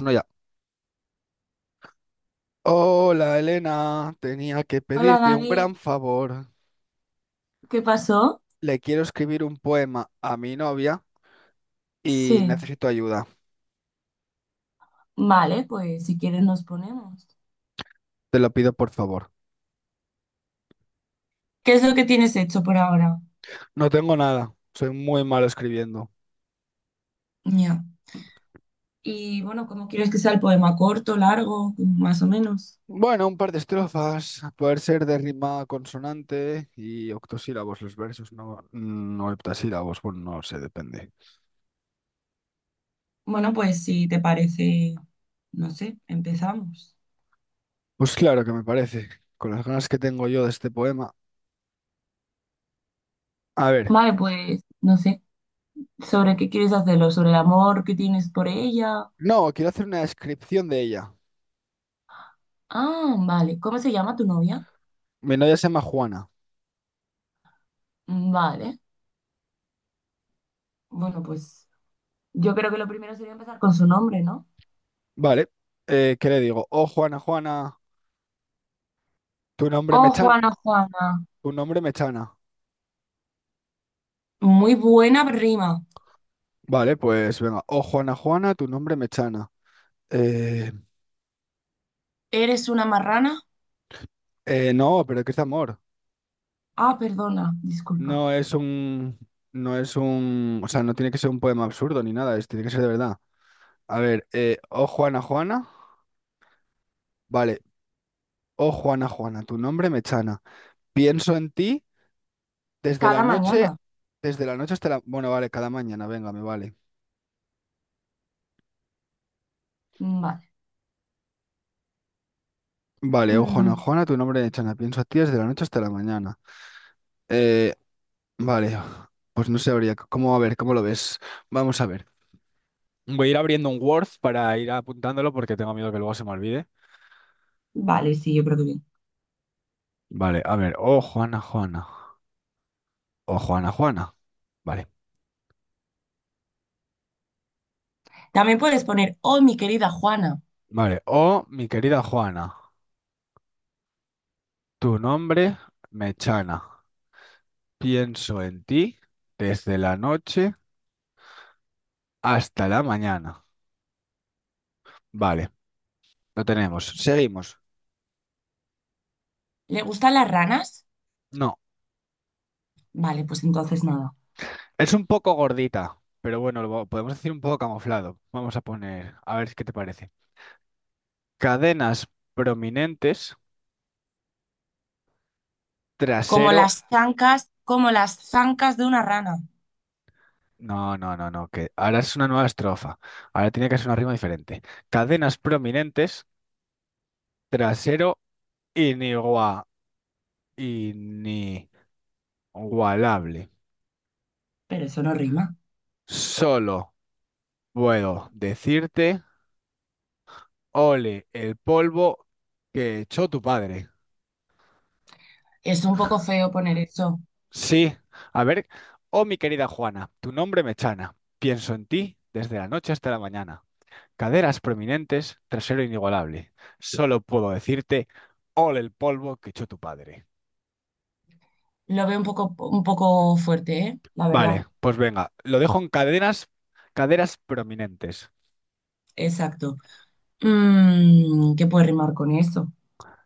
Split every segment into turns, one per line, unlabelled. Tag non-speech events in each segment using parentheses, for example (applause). Uno ya. Hola Elena, tenía que
Hola
pedirte un gran
Dani,
favor.
¿qué pasó?
Le quiero escribir un poema a mi novia
Sí,
y necesito ayuda.
vale, pues si quieres nos ponemos.
Te lo pido por favor.
¿Qué es lo que tienes hecho por ahora?
No tengo nada, soy muy malo escribiendo.
Ya. Y bueno, ¿cómo quieres que sea el poema? ¿Corto, largo, más o menos?
Bueno, un par de estrofas, a poder ser de rima consonante y octosílabos los versos, no, no heptasílabos, bueno, no sé, depende.
Bueno, pues si te parece, no sé, empezamos.
Pues claro que me parece, con las ganas que tengo yo de este poema. A ver,
Vale, pues no sé, ¿sobre qué quieres hacerlo? ¿Sobre el amor que tienes por ella?
no, quiero hacer una descripción de ella.
Ah, vale, ¿cómo se llama tu novia?
Mi novia se llama Juana.
Mm, vale, bueno, pues yo creo que lo primero sería empezar con su nombre, ¿no?
Vale. ¿Qué le digo? Oh, Juana, Juana, tu nombre me
Oh,
chan,
Juana, Juana.
tu nombre me chana.
Muy buena rima.
Vale, pues venga. Oh, Juana, Juana, tu nombre me chana. Eh,
¿Eres una marrana?
no, pero ¿qué es amor?
Ah, perdona, disculpa.
No es un, no es un, O sea, no tiene que ser un poema absurdo ni nada, es, tiene que ser de verdad. A ver, oh, Juana, Juana, vale. Oh, Juana, Juana, tu nombre me chana. Pienso en ti desde la
Cada
noche,
mañana.
desde la noche hasta la, bueno, vale, cada mañana, venga, me vale.
Mm, vale.
Vale, oh, Juana,
Mm,
Juana, tu nombre me chana. Pienso en ti desde la noche hasta la mañana. Eh, vale, pues no sabría cómo, a ver, ¿cómo lo ves? Vamos a ver. Voy a ir abriendo un Word para ir apuntándolo porque tengo miedo que luego se me olvide.
vale, sí, yo creo que bien.
Vale, a ver. Oh, Juana, Juana. O Juana, Juana. Vale,
También puedes poner, oh, mi querida Juana,
vale. Oh, mi querida Juana. Tu nombre me chana. Pienso en ti desde la noche hasta la mañana. Vale, lo tenemos. Seguimos.
¿le gustan las ranas?
No,
Vale, pues entonces nada.
es un poco gordita, pero bueno, lo podemos decir un poco camuflado. Vamos a poner, a ver qué te parece. Cadenas prominentes, trasero.
Como las zancas de una rana.
No, no, no, no, que ahora es una nueva estrofa. Ahora tiene que ser una rima diferente. Cadenas prominentes, trasero inigua- inigualable.
Pero eso no rima.
Solo puedo decirte, ole el polvo que echó tu padre.
Es un poco feo poner eso.
Sí, a ver, oh mi querida Juana, tu nombre me chana. Pienso en ti desde la noche hasta la mañana. Caderas prominentes, trasero inigualable. Solo puedo decirte, ole el polvo que echó tu padre.
Lo veo un poco fuerte, ¿eh? La verdad.
Vale, pues venga, lo dejo en caderas, caderas prominentes.
Exacto. Mm, ¿qué puede rimar con eso?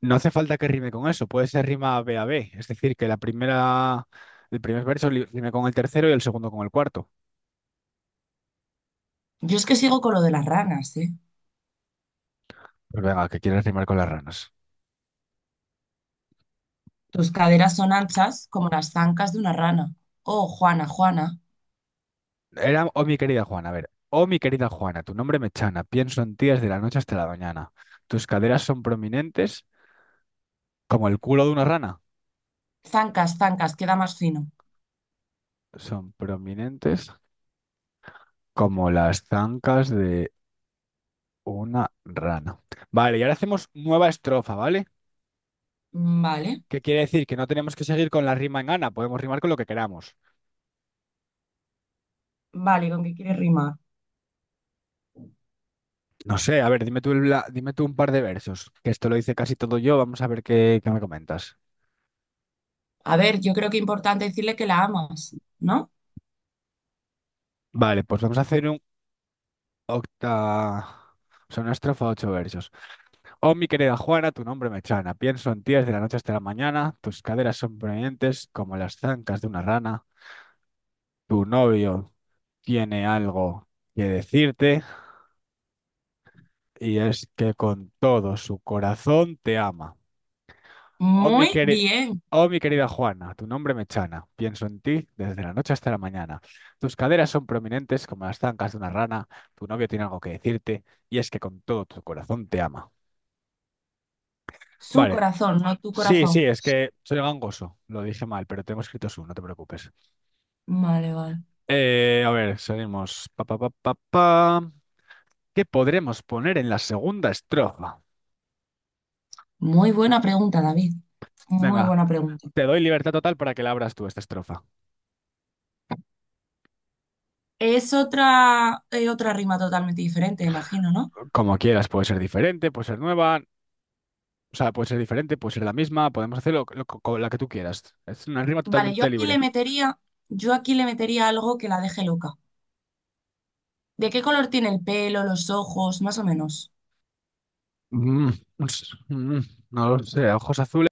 No hace falta que rime con eso, puede ser rima B a B, es decir, el primer verso rime con el tercero y el segundo con el cuarto.
Yo es que sigo con lo de las ranas, ¿eh?
Pues venga, que quieres rimar con las ranas.
Tus caderas son anchas como las zancas de una rana. Oh, Juana, Juana.
Era, oh mi querida Juana, a ver, oh mi querida Juana, tu nombre me chana, pienso en ti desde la noche hasta la mañana. Tus caderas son prominentes como el culo de una rana.
Zancas, zancas, queda más fino.
Son prominentes, como las zancas de una rana. Vale, y ahora hacemos nueva estrofa, ¿vale?
Mm, vale,
¿Qué quiere decir? Que no tenemos que seguir con la rima en ana, podemos rimar con lo que queramos.
vale, ¿con qué quieres rimar?
No sé, a ver, dime tú, dime tú un par de versos, que esto lo hice casi todo yo, vamos a ver qué me comentas.
A ver, yo creo que es importante decirle que la amas, ¿no?
Vale, pues vamos a hacer un octa... O sea, una estrofa, ocho versos. Oh, mi querida Juana, tu nombre me chana. Pienso en ti desde la noche hasta la mañana. Tus caderas son prominentes como las zancas de una rana. Tu novio tiene algo que decirte. Y es que con todo su corazón te ama. Oh, mi
Muy
queri-
bien.
oh, mi querida Juana, tu nombre me chana. Pienso en ti desde la noche hasta la mañana. Tus caderas son prominentes como las zancas de una rana. Tu novio tiene algo que decirte y es que con todo tu corazón te ama.
Su
Vale.
corazón, no tu
Sí, sí,
corazón.
es que soy gangoso. Lo dije mal, pero tengo escrito su, no te preocupes.
Vale, vale.
A ver, seguimos. Pa, pa, pa, pa, pa. ¿Qué podremos poner en la segunda estrofa?
Muy buena pregunta, David. Muy
Venga,
buena pregunta.
te doy libertad total para que la abras tú esta estrofa.
Es otra, otra rima totalmente diferente, imagino, ¿no?
Como quieras, puede ser diferente, puede ser nueva, o sea, puede ser diferente, puede ser la misma, podemos hacerlo con la que tú quieras. Es una rima
Vale,
totalmente libre.
yo aquí le metería algo que la deje loca. ¿De qué color tiene el pelo, los ojos, más o menos?
Mm, ups, mm, no lo sé, ojos azules,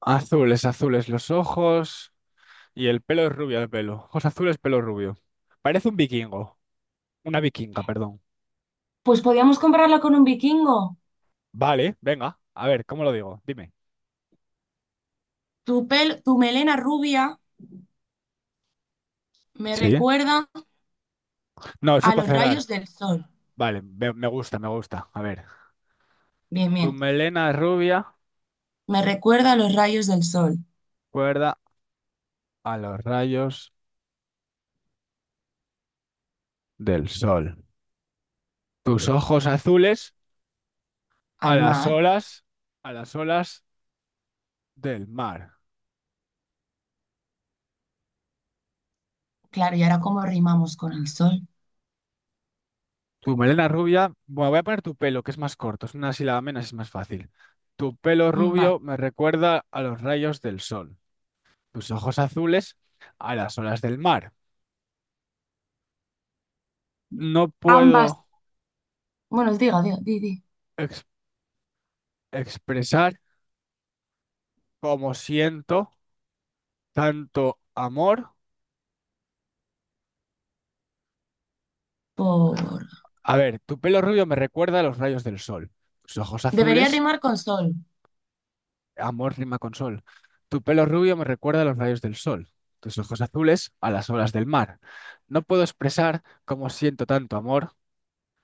azules los ojos y el pelo es rubio el pelo. Ojos azules, pelo rubio. Parece un vikingo, una vikinga, perdón.
Pues podríamos compararla con un vikingo.
Vale, venga, a ver, ¿cómo lo digo? Dime.
Tu melena rubia me
Sí.
recuerda
No, eso es
a
para
los
cerrar.
rayos del sol.
Vale, me gusta, me gusta. A ver,
Bien,
tu
bien.
melena rubia,
Me recuerda a los rayos del sol,
cuerda a los rayos del sol. Tus ojos azules a
al
las
mar.
olas, a las olas del mar.
Claro, ¿y ahora cómo rimamos con el sol?
Tu melena rubia, bueno, voy a poner tu pelo, que es más corto, es una sílaba menos, es más fácil. Tu pelo
Mm, vale.
rubio me recuerda a los rayos del sol. Tus ojos azules a las olas del mar. No
Ambas.
puedo
Bueno, diga, diga, di, di.
ex- expresar cómo siento tanto amor.
Por...
A ver, tu pelo rubio me recuerda a los rayos del sol. Tus ojos
Debería
azules
rimar con sol,
amor rima con sol. Tu pelo rubio me recuerda a los rayos del sol, tus ojos azules a las olas del mar. No puedo expresar cómo siento tanto amor,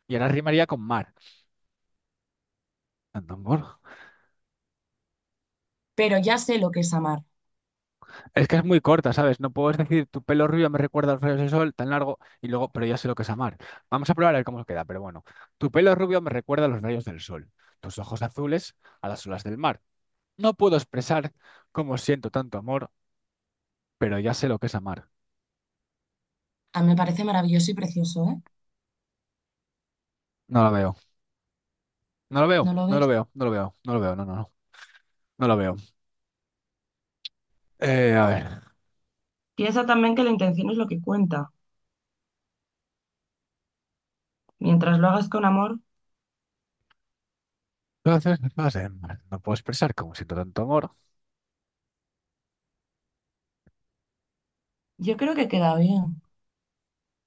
y ahora rimaría con mar. Tanto amor.
pero ya sé lo que es amar.
Es que es muy corta, ¿sabes? No puedes decir tu pelo rubio me recuerda a los rayos del sol, tan largo, y luego, pero ya sé lo que es amar. Vamos a probar a ver cómo queda, pero bueno. Tu pelo rubio me recuerda a los rayos del sol, tus ojos azules a las olas del mar. No puedo expresar cómo siento tanto amor, pero ya sé lo que es amar.
A mí me parece maravilloso y precioso, ¿eh?
No la veo. No lo veo,
¿No lo
no lo
ves?
veo, no lo veo, no lo veo, no, no, no, no lo veo. A ver.
Piensa también que la intención es lo que cuenta. Mientras lo hagas con amor,
Entonces, no puedo expresar como siento tanto amor.
yo creo que queda bien,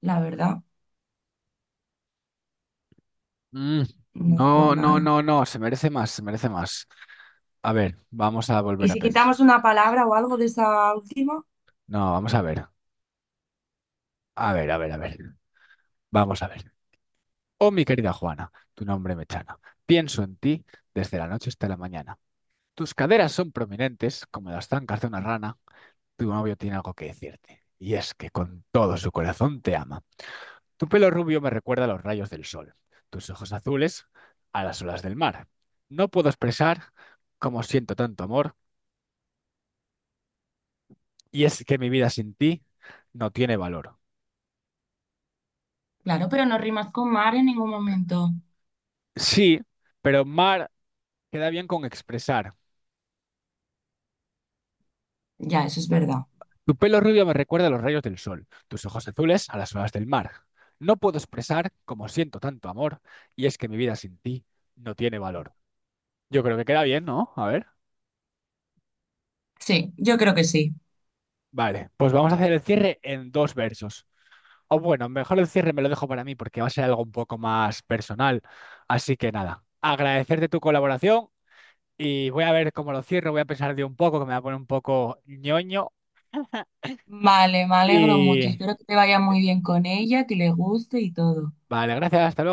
la verdad,
Mm,
no es por
no, no, no,
nada.
no, se merece más, se merece más. A ver, vamos a
¿Y
volver a
si
pensar.
quitamos una palabra o algo de esa última?
No, vamos a ver. A ver, a ver, a ver. Vamos a ver. Oh, mi querida Juana, tu nombre me chana. Pienso en ti desde la noche hasta la mañana. Tus caderas son prominentes como las zancas de una rana. Tu novio tiene algo que decirte. Y es que con todo su corazón te ama. Tu pelo rubio me recuerda a los rayos del sol, tus ojos azules a las olas del mar. No puedo expresar cómo siento tanto amor, y es que mi vida sin ti no tiene valor.
Claro, pero no rimas con mar en ningún momento.
Sí, pero mar queda bien con expresar.
Ya, eso es verdad.
Tu pelo rubio me recuerda a los rayos del sol, tus ojos azules a las olas del mar. No puedo expresar cómo siento tanto amor, y es que mi vida sin ti no tiene valor. Yo creo que queda bien, ¿no? A ver.
Sí, yo creo que sí.
Vale, pues vamos a hacer el cierre en dos versos. O bueno, mejor el cierre me lo dejo para mí porque va a ser algo un poco más personal. Así que nada, agradecerte tu colaboración y voy a ver cómo lo cierro. Voy a pensar de un poco, que me va a poner un poco ñoño. (laughs)
Vale, me alegro mucho.
Y
Espero que te vaya muy bien con ella, que le guste y todo.
vale, gracias, hasta luego.